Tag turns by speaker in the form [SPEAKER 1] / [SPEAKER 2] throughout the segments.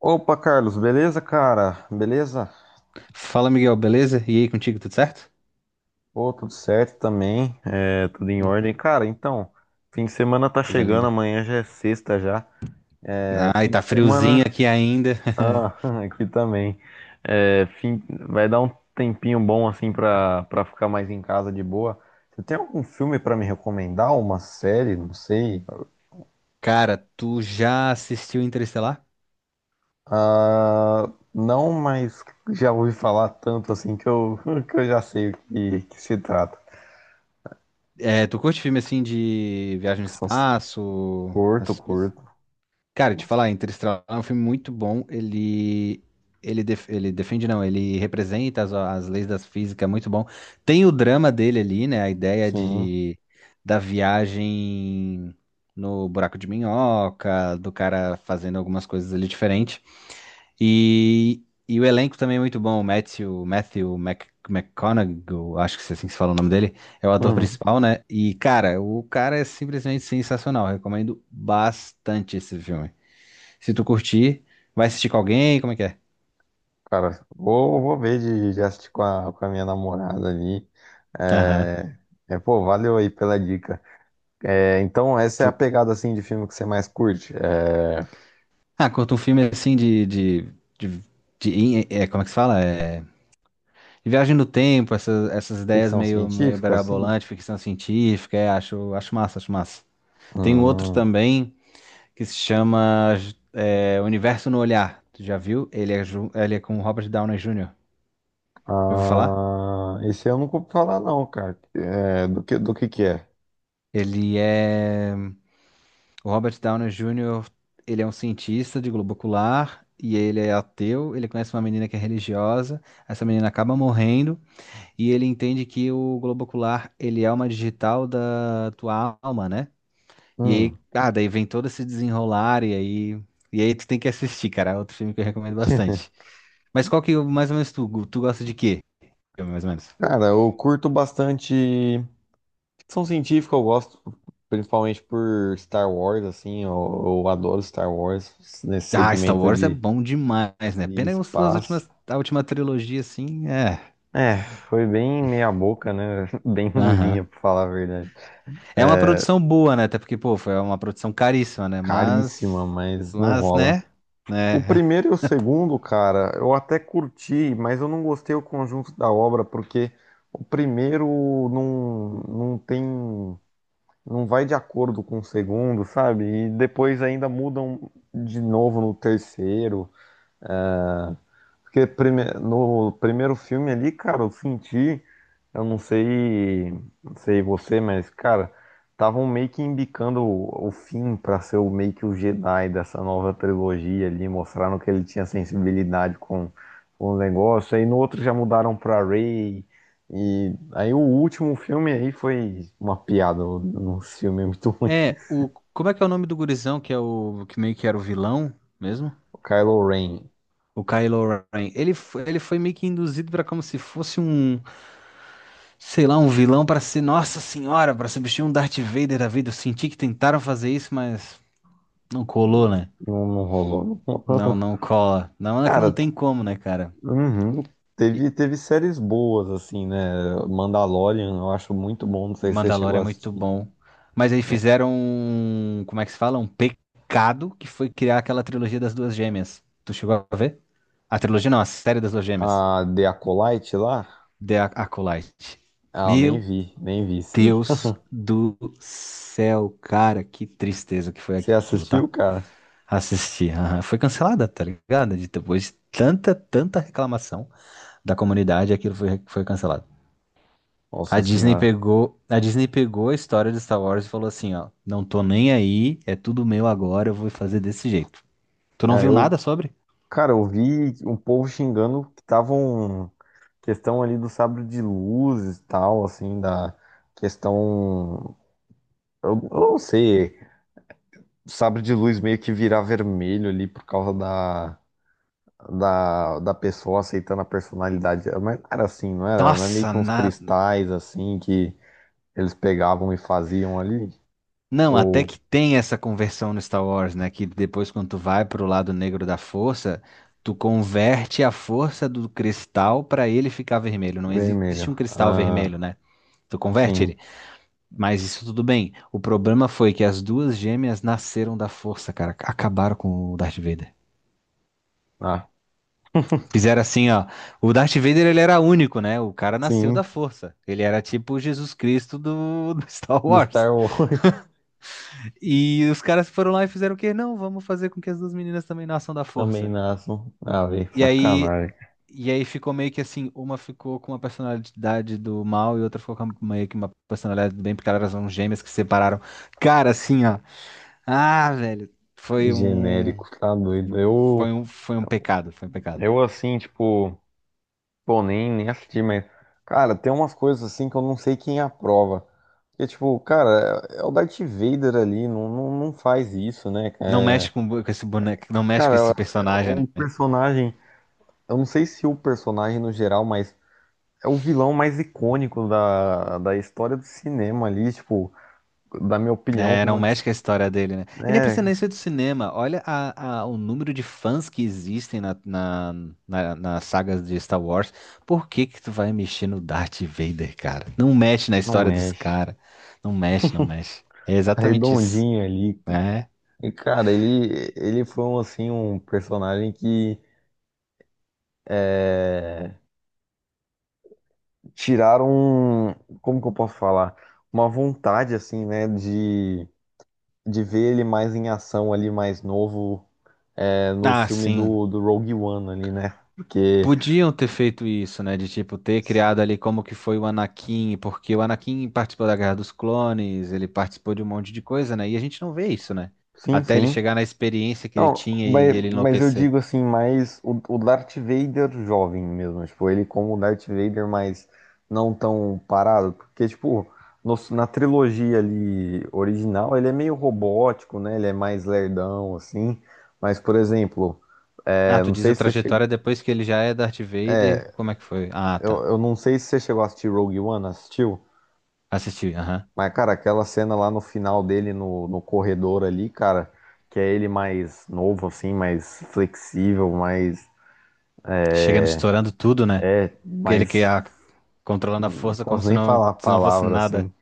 [SPEAKER 1] Opa, Carlos, beleza, cara? Beleza?
[SPEAKER 2] Fala, Miguel, beleza? E aí, contigo, tudo certo?
[SPEAKER 1] Pô, tudo certo também, é, tudo em
[SPEAKER 2] Hum.
[SPEAKER 1] ordem. Cara, então, fim de semana tá
[SPEAKER 2] Coisa
[SPEAKER 1] chegando,
[SPEAKER 2] linda.
[SPEAKER 1] amanhã já é sexta já. É,
[SPEAKER 2] Ai,
[SPEAKER 1] fim de
[SPEAKER 2] tá friozinho
[SPEAKER 1] semana,
[SPEAKER 2] aqui ainda.
[SPEAKER 1] ah, aqui também. É, fim... Vai dar um tempinho bom, assim, pra ficar mais em casa de boa. Você tem algum filme pra me recomendar? Uma série? Não sei.
[SPEAKER 2] Cara, tu já assistiu Interestelar?
[SPEAKER 1] Ah, não, mas já ouvi falar tanto, assim, que eu, que eu já sei o que, que se trata.
[SPEAKER 2] É, tu curte filme assim de viagem no
[SPEAKER 1] Ficção,
[SPEAKER 2] espaço,
[SPEAKER 1] curto,
[SPEAKER 2] essas coisas?
[SPEAKER 1] curto.
[SPEAKER 2] Cara, te
[SPEAKER 1] Nossa.
[SPEAKER 2] falar, Interestelar é um filme muito bom. Ele defende, não, ele representa as leis da física, é muito bom. Tem o drama dele ali, né? A ideia
[SPEAKER 1] Sim.
[SPEAKER 2] de da viagem no buraco de minhoca, do cara fazendo algumas coisas ali diferentes. E, e o elenco também é muito bom. O Matthew, Matthew McConaughey, eu acho que é assim que se fala o nome dele, é o ator
[SPEAKER 1] Hum,
[SPEAKER 2] principal, né? E, cara, o cara é simplesmente sensacional. Recomendo bastante esse filme. Se tu curtir, vai assistir com alguém, como é que é?
[SPEAKER 1] cara, vou, vou ver de assistir com a minha namorada ali.
[SPEAKER 2] Aham.
[SPEAKER 1] É, é, pô, valeu aí pela dica. É, então, essa é a
[SPEAKER 2] Tu...
[SPEAKER 1] pegada, assim, de filme que você mais curte? É
[SPEAKER 2] Ah, curta um filme assim de, de, como é que se fala? É, de viagem no tempo, essas, essas ideias
[SPEAKER 1] ficção
[SPEAKER 2] meio
[SPEAKER 1] científica, assim?
[SPEAKER 2] berabolantes, ficção científica, é, acho massa, acho massa. Tem um outro
[SPEAKER 1] Hum,
[SPEAKER 2] também, que se chama, é, Universo no Olhar. Tu já viu? Ele é, ele é com o Robert Downey Jr. Já ouviu falar?
[SPEAKER 1] ah, esse eu nunca ouvi falar, não, cara. É, do que é?
[SPEAKER 2] Ele é. O Robert Downey Jr., ele é um cientista de globo ocular e ele é ateu. Ele conhece uma menina que é religiosa. Essa menina acaba morrendo e ele entende que o globo ocular, ele é uma digital da tua alma, né? E aí,
[SPEAKER 1] Hum.
[SPEAKER 2] ah, daí vem todo esse desenrolar e aí. E aí tu tem que assistir, cara. É outro filme que eu recomendo bastante. Mas qual que mais ou menos tu gosta de quê? Filme, mais ou menos.
[SPEAKER 1] Cara, eu curto bastante. Ficção científica eu gosto, principalmente por Star Wars, assim, eu adoro Star Wars nesse
[SPEAKER 2] Ah, Star
[SPEAKER 1] segmento
[SPEAKER 2] Wars é bom demais, né?
[SPEAKER 1] de
[SPEAKER 2] Pena que as suas
[SPEAKER 1] espaço.
[SPEAKER 2] últimas, a última trilogia, assim, é.
[SPEAKER 1] É, foi bem meia boca, né? Bem ruimzinha,
[SPEAKER 2] Aham.
[SPEAKER 1] pra falar a verdade.
[SPEAKER 2] É uma
[SPEAKER 1] É,
[SPEAKER 2] produção boa, né? Até porque, pô, foi uma produção caríssima, né? Mas.
[SPEAKER 1] caríssima, mas não
[SPEAKER 2] Mas,
[SPEAKER 1] rola.
[SPEAKER 2] né?
[SPEAKER 1] O
[SPEAKER 2] Né?
[SPEAKER 1] primeiro e o segundo, cara, eu até curti, mas eu não gostei o conjunto da obra, porque o primeiro não tem não vai de acordo com o segundo, sabe? E depois ainda mudam de novo no terceiro. Porque no primeiro filme ali, cara, eu senti, eu não sei, não sei você, mas, cara, estavam meio que embicando o Finn pra ser o, meio que o Jedi dessa nova trilogia ali, mostraram que ele tinha sensibilidade com o negócio. Aí no outro já mudaram pra Rey. E aí o último filme aí foi uma piada, um filme muito ruim.
[SPEAKER 2] É, o. Como é que é o nome do gurizão, que é o. Que meio que era o vilão mesmo?
[SPEAKER 1] O Kylo Ren.
[SPEAKER 2] O Kylo Ren. Ele foi meio que induzido pra como se fosse um. Sei lá, um vilão pra ser. Nossa Senhora, pra substituir um Darth Vader da vida. Eu senti que tentaram fazer isso, mas não colou,
[SPEAKER 1] Não,
[SPEAKER 2] né?
[SPEAKER 1] não rolou.
[SPEAKER 2] Não, não cola. Não, é que não
[SPEAKER 1] Cara,
[SPEAKER 2] tem como, né, cara?
[SPEAKER 1] uhum.
[SPEAKER 2] E
[SPEAKER 1] Teve séries boas, assim, né? Mandalorian, eu acho muito bom. Não sei se você chegou
[SPEAKER 2] Mandalorian é
[SPEAKER 1] a
[SPEAKER 2] muito
[SPEAKER 1] assistir.
[SPEAKER 2] bom. Mas aí
[SPEAKER 1] É,
[SPEAKER 2] fizeram um, como é que se fala? Um pecado que foi criar aquela trilogia das duas gêmeas. Tu chegou a ver? A trilogia não, a série das duas gêmeas.
[SPEAKER 1] a The Acolyte lá?
[SPEAKER 2] The Acolyte.
[SPEAKER 1] Ah, nem
[SPEAKER 2] Meu
[SPEAKER 1] vi, nem vi isso aí.
[SPEAKER 2] Deus do céu, cara, que tristeza que foi
[SPEAKER 1] Você
[SPEAKER 2] aquilo,
[SPEAKER 1] assistiu,
[SPEAKER 2] tá?
[SPEAKER 1] cara?
[SPEAKER 2] Assisti. Aham. Foi cancelada, tá ligado? Depois de tanta, tanta reclamação da comunidade, aquilo foi, foi cancelado. A
[SPEAKER 1] Nossa
[SPEAKER 2] Disney
[SPEAKER 1] senhora.
[SPEAKER 2] pegou, a Disney pegou a história de Star Wars e falou assim, ó, não tô nem aí, é tudo meu agora, eu vou fazer desse jeito. Tu não
[SPEAKER 1] É,
[SPEAKER 2] viu
[SPEAKER 1] eu,
[SPEAKER 2] nada sobre?
[SPEAKER 1] cara, eu vi um povo xingando que tava um questão ali do sabre de luz e tal, assim, da questão. Eu não sei, sabre de luz meio que virar vermelho ali por causa da, da, da pessoa aceitando a personalidade dela. Mas não era assim, não era? Não é meio
[SPEAKER 2] Nossa,
[SPEAKER 1] que uns
[SPEAKER 2] na...
[SPEAKER 1] cristais assim que eles pegavam e faziam ali?
[SPEAKER 2] Não, até
[SPEAKER 1] Ou
[SPEAKER 2] que tem essa conversão no Star Wars, né, que depois quando tu vai pro lado negro da força, tu converte a força do cristal pra ele ficar vermelho. Não existe
[SPEAKER 1] vermelho?
[SPEAKER 2] um cristal vermelho,
[SPEAKER 1] Ah,
[SPEAKER 2] né? Tu converte
[SPEAKER 1] sim.
[SPEAKER 2] ele. Mas isso tudo bem. O problema foi que as duas gêmeas nasceram da força, cara. Acabaram com o Darth Vader.
[SPEAKER 1] Ah,
[SPEAKER 2] Fizeram assim, ó. O Darth Vader, ele era único, né? O cara nasceu da
[SPEAKER 1] sim.
[SPEAKER 2] força. Ele era tipo o Jesus Cristo do Star
[SPEAKER 1] Do
[SPEAKER 2] Wars.
[SPEAKER 1] Star Wars
[SPEAKER 2] E os caras foram lá e fizeram o quê? Não, vamos fazer com que as duas meninas também nasçam da
[SPEAKER 1] também
[SPEAKER 2] força.
[SPEAKER 1] nasçam. Ah, velho,
[SPEAKER 2] E aí,
[SPEAKER 1] sacanagem.
[SPEAKER 2] e aí ficou meio que assim, uma ficou com uma personalidade do mal e outra ficou com meio que uma personalidade do bem, porque elas eram gêmeas que se separaram. Cara, assim, ó. Ah, velho, foi um,
[SPEAKER 1] Genérico, tá doido.
[SPEAKER 2] foi um, foi um pecado, foi um pecado.
[SPEAKER 1] Eu assim, tipo. Pô, nem assisti, mas. Cara, tem umas coisas assim que eu não sei quem aprova. Porque, tipo, cara, é o Darth Vader ali, não, não, não faz isso, né?
[SPEAKER 2] Não
[SPEAKER 1] É,
[SPEAKER 2] mexe com esse boneco, não mexe com
[SPEAKER 1] cara,
[SPEAKER 2] esse personagem, né?
[SPEAKER 1] o personagem. Eu não sei se o personagem no geral, mas é o vilão mais icônico da, da história do cinema ali, tipo, da minha opinião,
[SPEAKER 2] É,
[SPEAKER 1] como
[SPEAKER 2] não
[SPEAKER 1] uma.
[SPEAKER 2] mexe com a história dele, né? E nem
[SPEAKER 1] É,
[SPEAKER 2] precisa nem ser do cinema. Olha o número de fãs que existem na, na, na- nas sagas de Star Wars. Por que que tu vai mexer no Darth Vader, cara? Não mexe na
[SPEAKER 1] não
[SPEAKER 2] história desse
[SPEAKER 1] mexe.
[SPEAKER 2] cara. Não mexe. É
[SPEAKER 1] É
[SPEAKER 2] exatamente isso,
[SPEAKER 1] redondinho ali.
[SPEAKER 2] né?
[SPEAKER 1] E, cara, ele foi um, assim, um personagem que é, tiraram, como que eu posso falar? Uma vontade, assim, né, de ver ele mais em ação ali, mais novo, é, no
[SPEAKER 2] Ah,
[SPEAKER 1] filme
[SPEAKER 2] sim.
[SPEAKER 1] do, do Rogue One ali, né? Porque,
[SPEAKER 2] Podiam ter feito isso, né? De tipo, ter criado ali como que foi o Anakin, porque o Anakin participou da Guerra dos Clones, ele participou de um monte de coisa, né? E a gente não vê isso, né?
[SPEAKER 1] sim,
[SPEAKER 2] Até ele
[SPEAKER 1] sim.
[SPEAKER 2] chegar na experiência que ele
[SPEAKER 1] Não,
[SPEAKER 2] tinha e ele
[SPEAKER 1] mas eu
[SPEAKER 2] enlouquecer.
[SPEAKER 1] digo assim, mais o Darth Vader jovem mesmo, tipo, ele como o Darth Vader, mas não tão parado, porque, tipo, na trilogia ali original, ele é meio robótico, né? Ele é mais lerdão, assim. Mas, por exemplo,
[SPEAKER 2] Ah,
[SPEAKER 1] eu
[SPEAKER 2] tu
[SPEAKER 1] não
[SPEAKER 2] diz a
[SPEAKER 1] sei se você chegou
[SPEAKER 2] trajetória depois que ele já é Darth Vader, como é que foi? Ah,
[SPEAKER 1] Eu,
[SPEAKER 2] tá.
[SPEAKER 1] eu não sei se você chegou a assistir Rogue One, assistiu?
[SPEAKER 2] Assisti, aham.
[SPEAKER 1] Mas, cara, aquela cena lá no final dele, no, no corredor ali, cara, que é ele mais novo, assim, mais flexível, mais.
[SPEAKER 2] Chegando estourando tudo, né? Ele que
[SPEAKER 1] Mais.
[SPEAKER 2] ah, controlando a
[SPEAKER 1] Não
[SPEAKER 2] força como
[SPEAKER 1] posso
[SPEAKER 2] se
[SPEAKER 1] nem
[SPEAKER 2] não,
[SPEAKER 1] falar a
[SPEAKER 2] se não fosse
[SPEAKER 1] palavra
[SPEAKER 2] nada.
[SPEAKER 1] assim.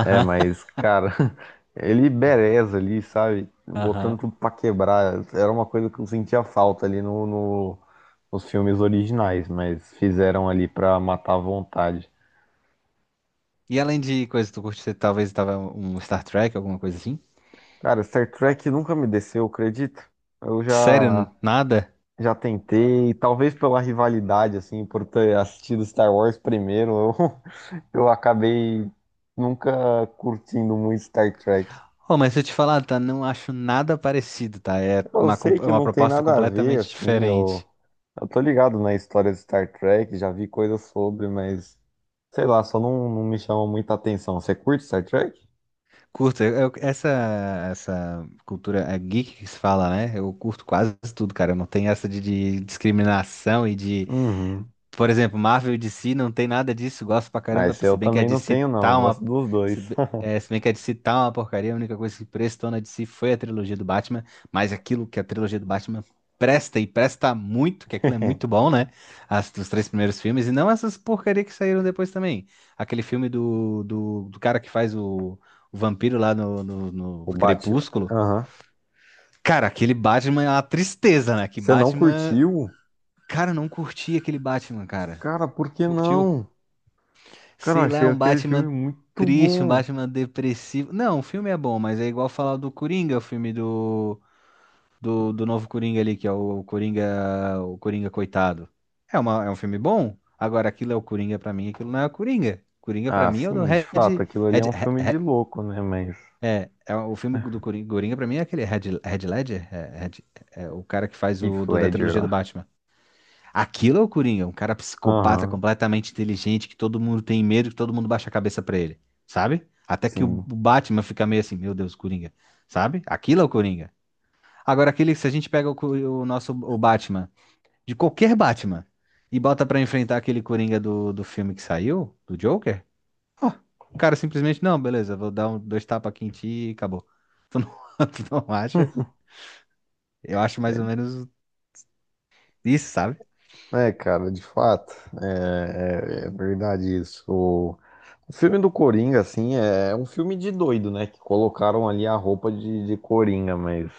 [SPEAKER 1] É, mas, cara, ele bereza ali, sabe? Botando
[SPEAKER 2] Aham.
[SPEAKER 1] tudo pra quebrar. Era uma coisa que eu sentia falta ali no, nos filmes originais, mas fizeram ali pra matar a vontade.
[SPEAKER 2] E além de coisa, que tu curte, você talvez tava um Star Trek, alguma coisa assim?
[SPEAKER 1] Cara, Star Trek nunca me desceu, acredito. Eu
[SPEAKER 2] Sério,
[SPEAKER 1] já
[SPEAKER 2] nada?
[SPEAKER 1] tentei, talvez pela rivalidade, assim, por ter assistido Star Wars primeiro, eu, eu acabei nunca curtindo muito Star Trek.
[SPEAKER 2] Oh, mas se eu te falar, tá, não acho nada parecido, tá? É
[SPEAKER 1] Eu
[SPEAKER 2] uma,
[SPEAKER 1] sei
[SPEAKER 2] é
[SPEAKER 1] que
[SPEAKER 2] uma
[SPEAKER 1] não tem
[SPEAKER 2] proposta
[SPEAKER 1] nada a ver,
[SPEAKER 2] completamente
[SPEAKER 1] assim,
[SPEAKER 2] diferente.
[SPEAKER 1] eu tô ligado na história de Star Trek, já vi coisas sobre, mas sei lá, só não, não me chama muita atenção. Você curte Star Trek?
[SPEAKER 2] Curto, essa cultura é geek que se fala, né? Eu curto quase tudo, cara. Eu não tenho essa de discriminação e de.
[SPEAKER 1] Uhum.
[SPEAKER 2] Por exemplo, Marvel e DC não tem nada disso, gosto pra caramba,
[SPEAKER 1] Mas
[SPEAKER 2] se
[SPEAKER 1] eu
[SPEAKER 2] bem que a
[SPEAKER 1] também não
[SPEAKER 2] DC
[SPEAKER 1] tenho, não,
[SPEAKER 2] tá uma.
[SPEAKER 1] gosto dos
[SPEAKER 2] Se,
[SPEAKER 1] dois.
[SPEAKER 2] be- é, se bem que a DC tá uma porcaria, a única coisa que prestou na DC foi a trilogia do Batman, mas aquilo que a trilogia do Batman presta e presta muito, que aquilo é muito bom, né? As, os três primeiros filmes, e não essas porcaria que saíram depois também. Aquele filme do cara que faz o vampiro lá no
[SPEAKER 1] O Batman.
[SPEAKER 2] Crepúsculo.
[SPEAKER 1] Aham.
[SPEAKER 2] Cara, aquele Batman é uma tristeza, né? Que
[SPEAKER 1] Você não
[SPEAKER 2] Batman.
[SPEAKER 1] curtiu?
[SPEAKER 2] Cara, eu não curti aquele Batman, cara.
[SPEAKER 1] Cara, por
[SPEAKER 2] Tu
[SPEAKER 1] que
[SPEAKER 2] curtiu?
[SPEAKER 1] não? Cara, eu
[SPEAKER 2] Sei lá,
[SPEAKER 1] achei
[SPEAKER 2] é um
[SPEAKER 1] aquele filme
[SPEAKER 2] Batman
[SPEAKER 1] muito
[SPEAKER 2] triste, um
[SPEAKER 1] bom.
[SPEAKER 2] Batman depressivo. Não, o filme é bom, mas é igual falar do Coringa, o filme do novo Coringa ali, que é o Coringa coitado. É uma, é um filme bom. Agora, aquilo é o Coringa pra mim, aquilo não é o Coringa. Coringa pra
[SPEAKER 1] Ah,
[SPEAKER 2] mim é o do
[SPEAKER 1] sim, de
[SPEAKER 2] Red,
[SPEAKER 1] fato, aquilo ali
[SPEAKER 2] Red,
[SPEAKER 1] é um
[SPEAKER 2] Re-
[SPEAKER 1] filme de
[SPEAKER 2] Re-
[SPEAKER 1] louco, né? Mas.
[SPEAKER 2] é o filme do Coringa, Coringa pra mim é aquele Red, Red Ledger, é o cara que faz o
[SPEAKER 1] Heath
[SPEAKER 2] do, da
[SPEAKER 1] Ledger
[SPEAKER 2] trilogia do
[SPEAKER 1] lá.
[SPEAKER 2] Batman. Aquilo é o Coringa, um cara psicopata,
[SPEAKER 1] Aham,
[SPEAKER 2] completamente inteligente, que todo mundo tem medo, que todo mundo baixa a cabeça pra ele, sabe? Até que o
[SPEAKER 1] sim.
[SPEAKER 2] o Batman fica meio assim, meu Deus, Coringa, sabe? Aquilo é o Coringa. Agora, aquele, se a gente pega o, o nosso o Batman, de qualquer Batman, e bota pra enfrentar aquele Coringa do filme que saiu, do Joker, ó, o cara simplesmente, não, beleza, vou dar um, dois tapas aqui em ti e acabou. Tu não, tu não acha? Eu acho mais ou menos isso, sabe?
[SPEAKER 1] É, cara, de fato, é, é verdade isso. O filme do Coringa, assim, é um filme de doido, né? Que colocaram ali a roupa de Coringa, mas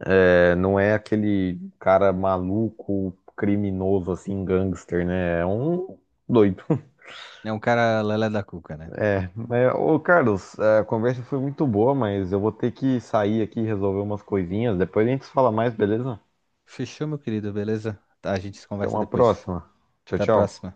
[SPEAKER 1] é, não é aquele cara maluco, criminoso, assim, gangster, né? É um doido.
[SPEAKER 2] É um cara lelé da cuca, né?
[SPEAKER 1] É, mas, ô Carlos, a conversa foi muito boa, mas eu vou ter que sair aqui e resolver umas coisinhas. Depois a gente fala mais, beleza?
[SPEAKER 2] Fechou, meu querido, beleza? Tá, a gente se
[SPEAKER 1] Até
[SPEAKER 2] conversa
[SPEAKER 1] uma
[SPEAKER 2] depois.
[SPEAKER 1] próxima. Tchau,
[SPEAKER 2] Até a
[SPEAKER 1] tchau.
[SPEAKER 2] próxima.